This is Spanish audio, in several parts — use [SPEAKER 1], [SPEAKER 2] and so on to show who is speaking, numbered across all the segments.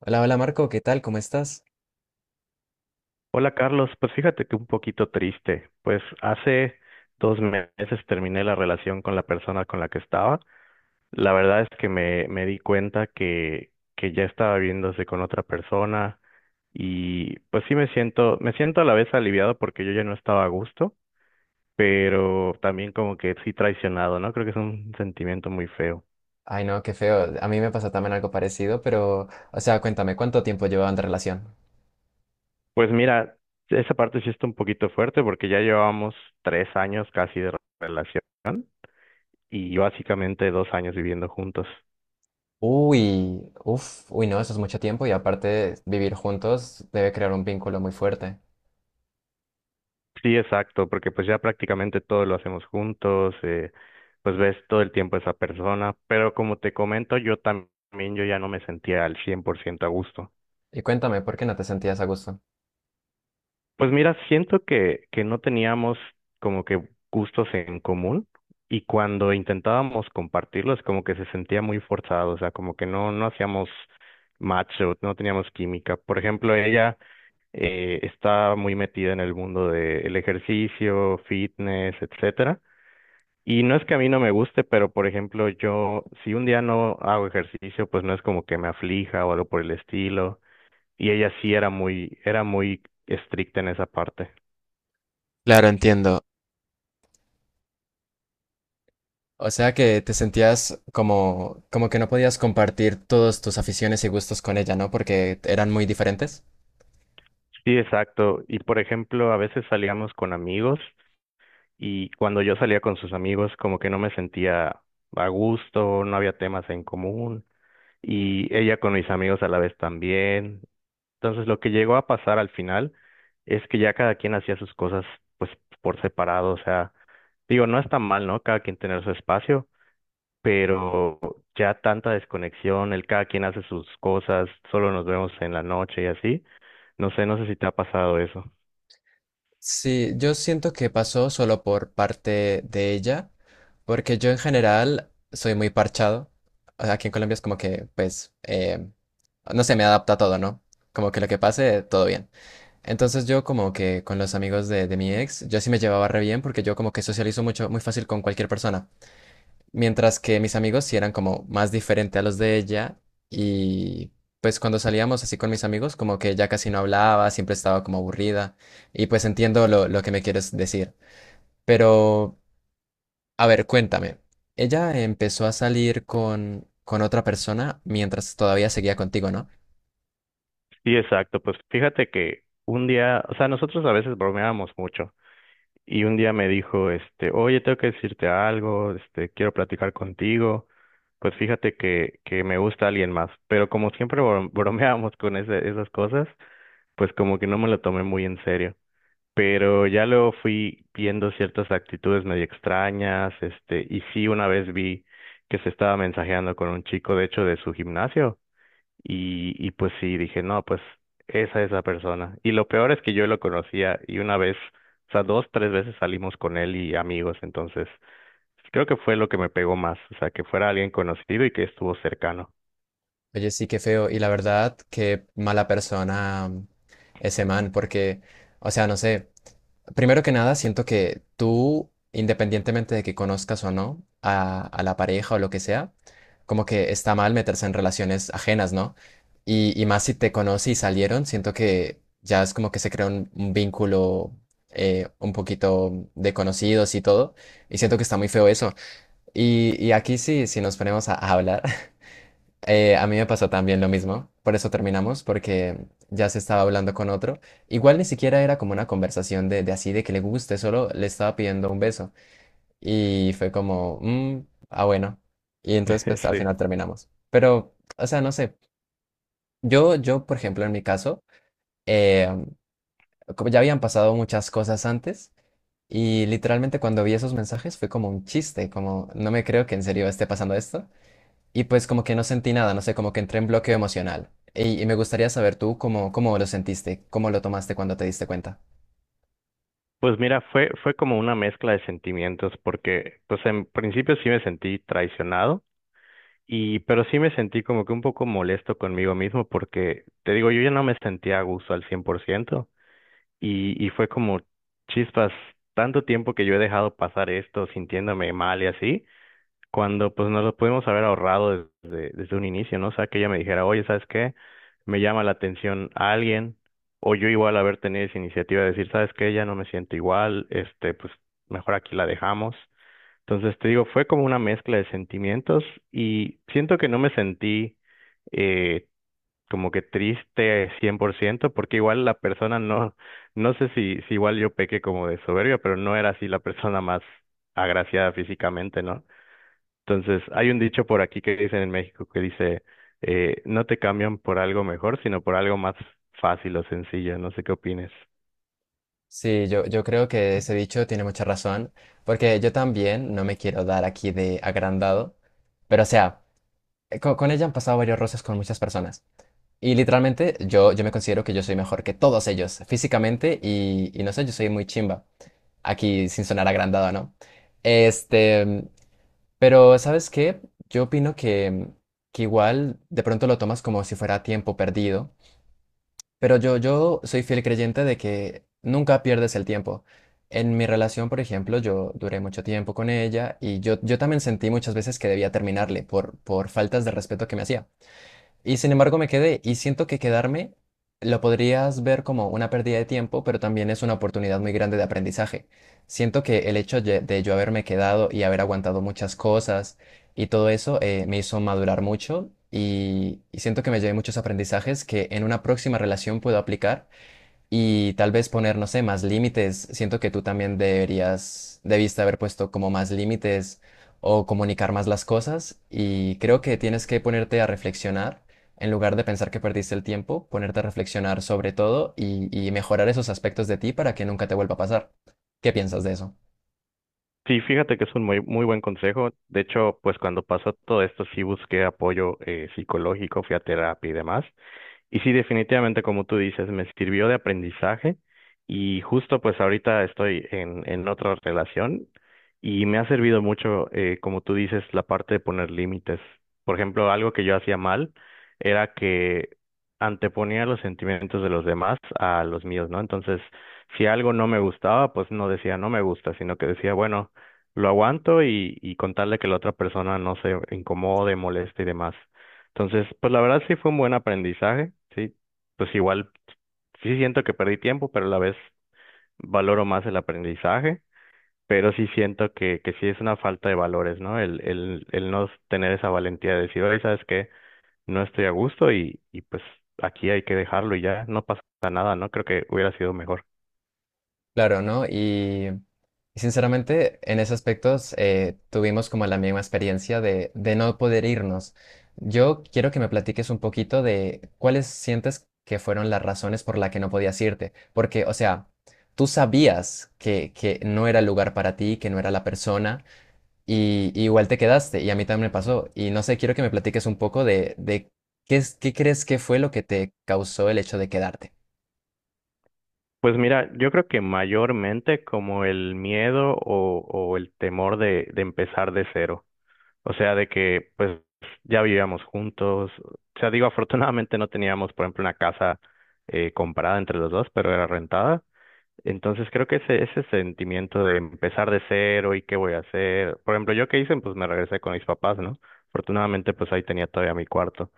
[SPEAKER 1] Hola, hola Marco, ¿qué tal? ¿Cómo estás?
[SPEAKER 2] Hola Carlos, pues fíjate que un poquito triste, pues hace 2 meses terminé la relación con la persona con la que estaba. La verdad es que me di cuenta que ya estaba viéndose con otra persona y pues sí me siento a la vez aliviado porque yo ya no estaba a gusto, pero también como que sí traicionado, ¿no? Creo que es un sentimiento muy feo.
[SPEAKER 1] Ay, no, qué feo. A mí me pasó también algo parecido, pero, o sea, cuéntame, ¿cuánto tiempo llevaban de relación?
[SPEAKER 2] Pues mira, esa parte sí está un poquito fuerte porque ya llevábamos 3 años casi de relación. Y básicamente 2 años viviendo juntos.
[SPEAKER 1] Uy, uff, uy, no, eso es mucho tiempo y aparte vivir juntos debe crear un vínculo muy fuerte.
[SPEAKER 2] Sí, exacto, porque pues ya prácticamente todo lo hacemos juntos, pues ves todo el tiempo a esa persona, pero como te comento, yo también yo ya no me sentía al 100% a gusto.
[SPEAKER 1] Y cuéntame, ¿por qué no te sentías a gusto?
[SPEAKER 2] Pues mira, siento que no teníamos como que gustos en común y cuando intentábamos compartirlos como que se sentía muy forzado, o sea, como que no hacíamos match o no teníamos química. Por ejemplo, ella está muy metida en el mundo del ejercicio, fitness, etcétera. Y no es que a mí no me guste, pero por ejemplo, yo si un día no hago ejercicio, pues no es como que me aflija o algo por el estilo. Y ella sí era muy estricta en esa parte.
[SPEAKER 1] Claro, entiendo. O sea que te sentías como, como que no podías compartir todas tus aficiones y gustos con ella, ¿no? Porque eran muy diferentes.
[SPEAKER 2] Sí, exacto. Y por ejemplo, a veces salíamos con amigos y cuando yo salía con sus amigos, como que no me sentía a gusto, no había temas en común. Y ella con mis amigos a la vez también. Entonces, lo que llegó a pasar al final es que ya cada quien hacía sus cosas pues por separado, o sea, digo, no está mal, ¿no? Cada quien tener su espacio, pero ya tanta desconexión, el cada quien hace sus cosas, solo nos vemos en la noche y así. No sé si te ha pasado eso.
[SPEAKER 1] Sí, yo siento que pasó solo por parte de ella, porque yo en general soy muy parchado. O sea, Aquí en Colombia es como que, pues, no sé, me adapta a todo, ¿no? Como que lo que pase, todo bien. Entonces yo como que con los amigos de mi ex, yo sí me llevaba re bien porque yo como que socializo mucho, muy fácil con cualquier persona. Mientras que mis amigos sí eran como más diferente a los de ella y pues cuando salíamos así con mis amigos como que ella casi no hablaba, siempre estaba como aburrida y pues entiendo lo que me quieres decir. Pero, a ver, cuéntame, ella empezó a salir con otra persona mientras todavía seguía contigo, ¿no?
[SPEAKER 2] Sí, exacto, pues fíjate que un día, o sea, nosotros a veces bromeábamos mucho. Y un día me dijo, este, oye, tengo que decirte algo, este, quiero platicar contigo. Pues fíjate que me gusta alguien más, pero como siempre bromeábamos con esas cosas, pues como que no me lo tomé muy en serio. Pero ya luego fui viendo ciertas actitudes medio extrañas, este, y sí una vez vi que se estaba mensajeando con un chico, de hecho, de su gimnasio. Y pues sí, dije, no, pues esa es la persona. Y lo peor es que yo lo conocía y una vez, o sea, dos, tres veces salimos con él y amigos, entonces creo que fue lo que me pegó más, o sea, que fuera alguien conocido y que estuvo cercano.
[SPEAKER 1] Oye, sí, qué feo y la verdad, qué mala persona ese man porque, o sea, no sé. Primero que nada, siento que tú, independientemente de que conozcas o no a la pareja o lo que sea, como que está mal meterse en relaciones ajenas, ¿no? Y más si te conoce y salieron, siento que ya es como que se crea un vínculo un poquito de conocidos y todo, y siento que está muy feo eso. Y aquí sí, si nos ponemos a hablar, a mí me pasó también lo mismo, por eso terminamos, porque ya se estaba hablando con otro. Igual ni siquiera era como una conversación de así, de que le guste, solo le estaba pidiendo un beso. Y fue como, "Mm, ah, bueno". Y entonces, pues al
[SPEAKER 2] Sí.
[SPEAKER 1] final terminamos. Pero, o sea, no sé. Yo, por ejemplo, en mi caso, eh, como ya habían pasado muchas cosas antes, y literalmente cuando vi esos mensajes fue como un chiste, como, no me creo que en serio esté pasando esto y pues como que no sentí nada, no sé, como que entré en bloqueo emocional. Y me gustaría saber tú cómo, cómo lo sentiste, cómo lo tomaste cuando te diste cuenta.
[SPEAKER 2] Pues mira, fue como una mezcla de sentimientos porque pues en principio sí me sentí traicionado y pero sí me sentí como que un poco molesto conmigo mismo porque te digo, yo ya no me sentía a gusto al 100%. Y fue como chispas, tanto tiempo que yo he dejado pasar esto sintiéndome mal y así, cuando pues nos lo pudimos haber ahorrado desde un inicio, ¿no? O sea, que ella me dijera, oye, ¿sabes qué? Me llama la atención a alguien, o yo igual haber tenido esa iniciativa de decir, ¿sabes qué? Ya no me siento igual, este, pues mejor aquí la dejamos. Entonces te digo, fue como una mezcla de sentimientos y siento que no me sentí eh, como que triste 100% porque igual la persona no, no sé si igual yo pequé como de soberbia, pero no era así la persona más agraciada físicamente, ¿no? Entonces, hay un dicho por aquí que dicen en México que dice, no te cambian por algo mejor, sino por algo más fácil o sencillo, no sé qué opines.
[SPEAKER 1] Sí, yo creo que ese dicho tiene mucha razón, porque yo también no me quiero dar aquí de agrandado, pero o sea, ella han pasado varios roces con muchas personas. Y literalmente yo me considero que yo soy mejor que todos ellos, físicamente y no sé, yo soy muy chimba, aquí sin sonar agrandado, ¿no? Este, Pero, ¿sabes qué? Yo opino que, mm, que igual de pronto lo tomas como si fuera tiempo perdido, pero yo soy fiel creyente de que nunca pierdes el tiempo. En mi relación, por ejemplo, yo duré mucho tiempo con ella y yo también sentí muchas veces que debía terminarle por faltas de respeto que me hacía. Y sin embargo me quedé y siento que quedarme lo podrías ver como una pérdida de tiempo, pero también es una oportunidad muy grande de aprendizaje. Siento que el hecho de yo haberme quedado y haber aguantado muchas cosas y todo eso me hizo madurar mucho y siento que me llevé muchos aprendizajes que en una próxima relación puedo aplicar y tal vez poner, no sé, más límites. Siento que tú también deberías, debiste haber puesto como más límites o comunicar más las cosas y creo que tienes que ponerte a reflexionar. En lugar de pensar que perdiste el tiempo, ponerte a reflexionar sobre todo y mejorar esos aspectos de ti para que nunca te vuelva a pasar. ¿Qué piensas de eso?
[SPEAKER 2] Sí, fíjate que es un muy, muy buen consejo. De hecho, pues cuando pasó todo esto, sí busqué apoyo psicológico, fui a terapia y demás. Y sí, definitivamente, como tú dices, me sirvió de aprendizaje y justo pues ahorita estoy en otra relación y me ha servido mucho, como tú dices, la parte de poner límites. Por ejemplo, algo que yo hacía mal era que anteponía los sentimientos de los demás a los míos, ¿no? Entonces, si algo no me gustaba, pues no decía no me gusta, sino que decía, bueno, lo aguanto y contarle que la otra persona no se incomode, moleste y demás. Entonces, pues la verdad sí fue un buen aprendizaje, sí. Pues igual sí siento que perdí tiempo, pero a la vez valoro más el aprendizaje, pero sí siento que sí es una falta de valores, ¿no? El no tener esa valentía de decir, oye, ¿sabes qué? No estoy a gusto y pues aquí hay que dejarlo y ya, no pasa nada, ¿no? Creo que hubiera sido mejor.
[SPEAKER 1] Claro, ¿no? Y sinceramente, en ese aspecto tuvimos como la misma experiencia de no poder irnos. Yo quiero que me platiques un poquito de cuáles sientes que fueron las razones por las que no podías irte. Porque, o sea, tú sabías que no era el lugar para ti, que no era la persona, y igual te quedaste, y a mí también me pasó. Y no sé, quiero que me platiques un poco de qué, qué crees que fue lo que te causó el hecho de quedarte.
[SPEAKER 2] Pues mira, yo creo que mayormente como el miedo o el temor de empezar de cero. O sea, de que pues ya vivíamos juntos. O sea, digo, afortunadamente no teníamos, por ejemplo, una casa comprada entre los dos, pero era rentada. Entonces creo que ese sentimiento de empezar de cero y qué voy a hacer. Por ejemplo, yo qué hice, pues me regresé con mis papás, ¿no? Afortunadamente, pues ahí tenía todavía mi cuarto.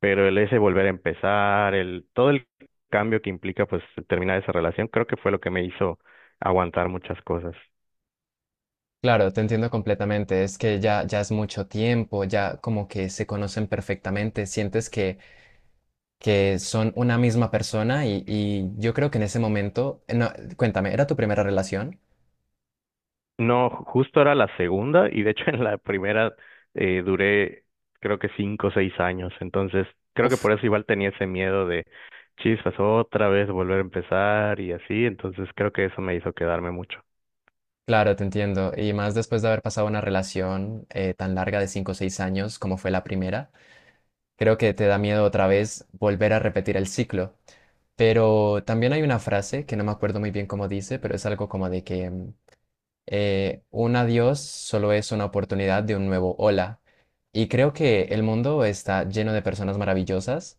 [SPEAKER 2] Pero el ese volver a empezar, el, todo el cambio que implica, pues, terminar esa relación, creo que fue lo que me hizo aguantar muchas cosas.
[SPEAKER 1] Claro, te entiendo completamente. Es que ya, ya es mucho tiempo, ya como que se conocen perfectamente, sientes que son una misma persona y yo creo que en ese momento, no, cuéntame, ¿era tu primera relación?
[SPEAKER 2] No, justo era la segunda y de hecho en la primera duré creo que 5 o 6 años, entonces creo que
[SPEAKER 1] Uf.
[SPEAKER 2] por eso igual tenía ese miedo de chispas otra vez volver a empezar y así, entonces creo que eso me hizo quedarme mucho.
[SPEAKER 1] Claro, te entiendo. Y más después de haber pasado una relación tan larga de cinco o seis años como fue la primera, creo que te da miedo otra vez volver a repetir el ciclo. Pero también hay una frase que no me acuerdo muy bien cómo dice, pero es algo como de que mm, un adiós solo es una oportunidad de un nuevo hola. Y creo que el mundo está lleno de personas maravillosas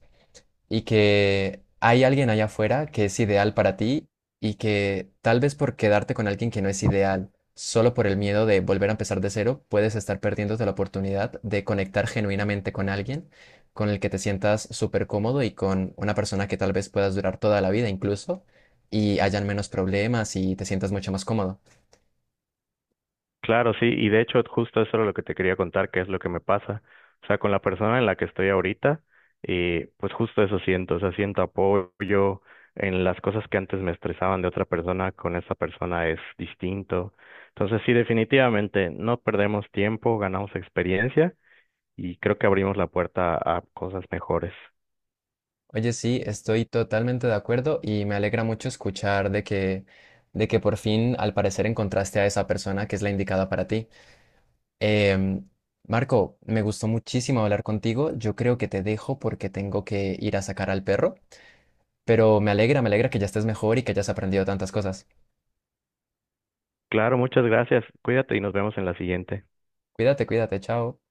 [SPEAKER 1] y que hay alguien allá afuera que es ideal para ti y que tal vez por quedarte con alguien que no es ideal, solo por el miedo de volver a empezar de cero, puedes estar perdiéndote la oportunidad de conectar genuinamente con alguien con el que te sientas súper cómodo y con una persona que tal vez puedas durar toda la vida incluso y hayan menos problemas y te sientas mucho más cómodo.
[SPEAKER 2] Claro, sí, y de hecho justo eso era lo que te quería contar, que es lo que me pasa. O sea, con la persona en la que estoy ahorita, y pues justo eso siento, o sea, siento apoyo en las cosas que antes me estresaban de otra persona, con esa persona es distinto. Entonces, sí, definitivamente no perdemos tiempo, ganamos experiencia y creo que abrimos la puerta a cosas mejores.
[SPEAKER 1] Oye, sí, estoy totalmente de acuerdo y me alegra mucho escuchar de que por fin, al parecer, encontraste a esa persona que es la indicada para ti. Em, Marco, me gustó muchísimo hablar contigo. Yo creo que te dejo porque tengo que ir a sacar al perro, pero me alegra que ya estés mejor y que hayas aprendido tantas cosas.
[SPEAKER 2] Claro, muchas gracias. Cuídate y nos vemos en la siguiente.
[SPEAKER 1] Cuídate, cuídate, chao.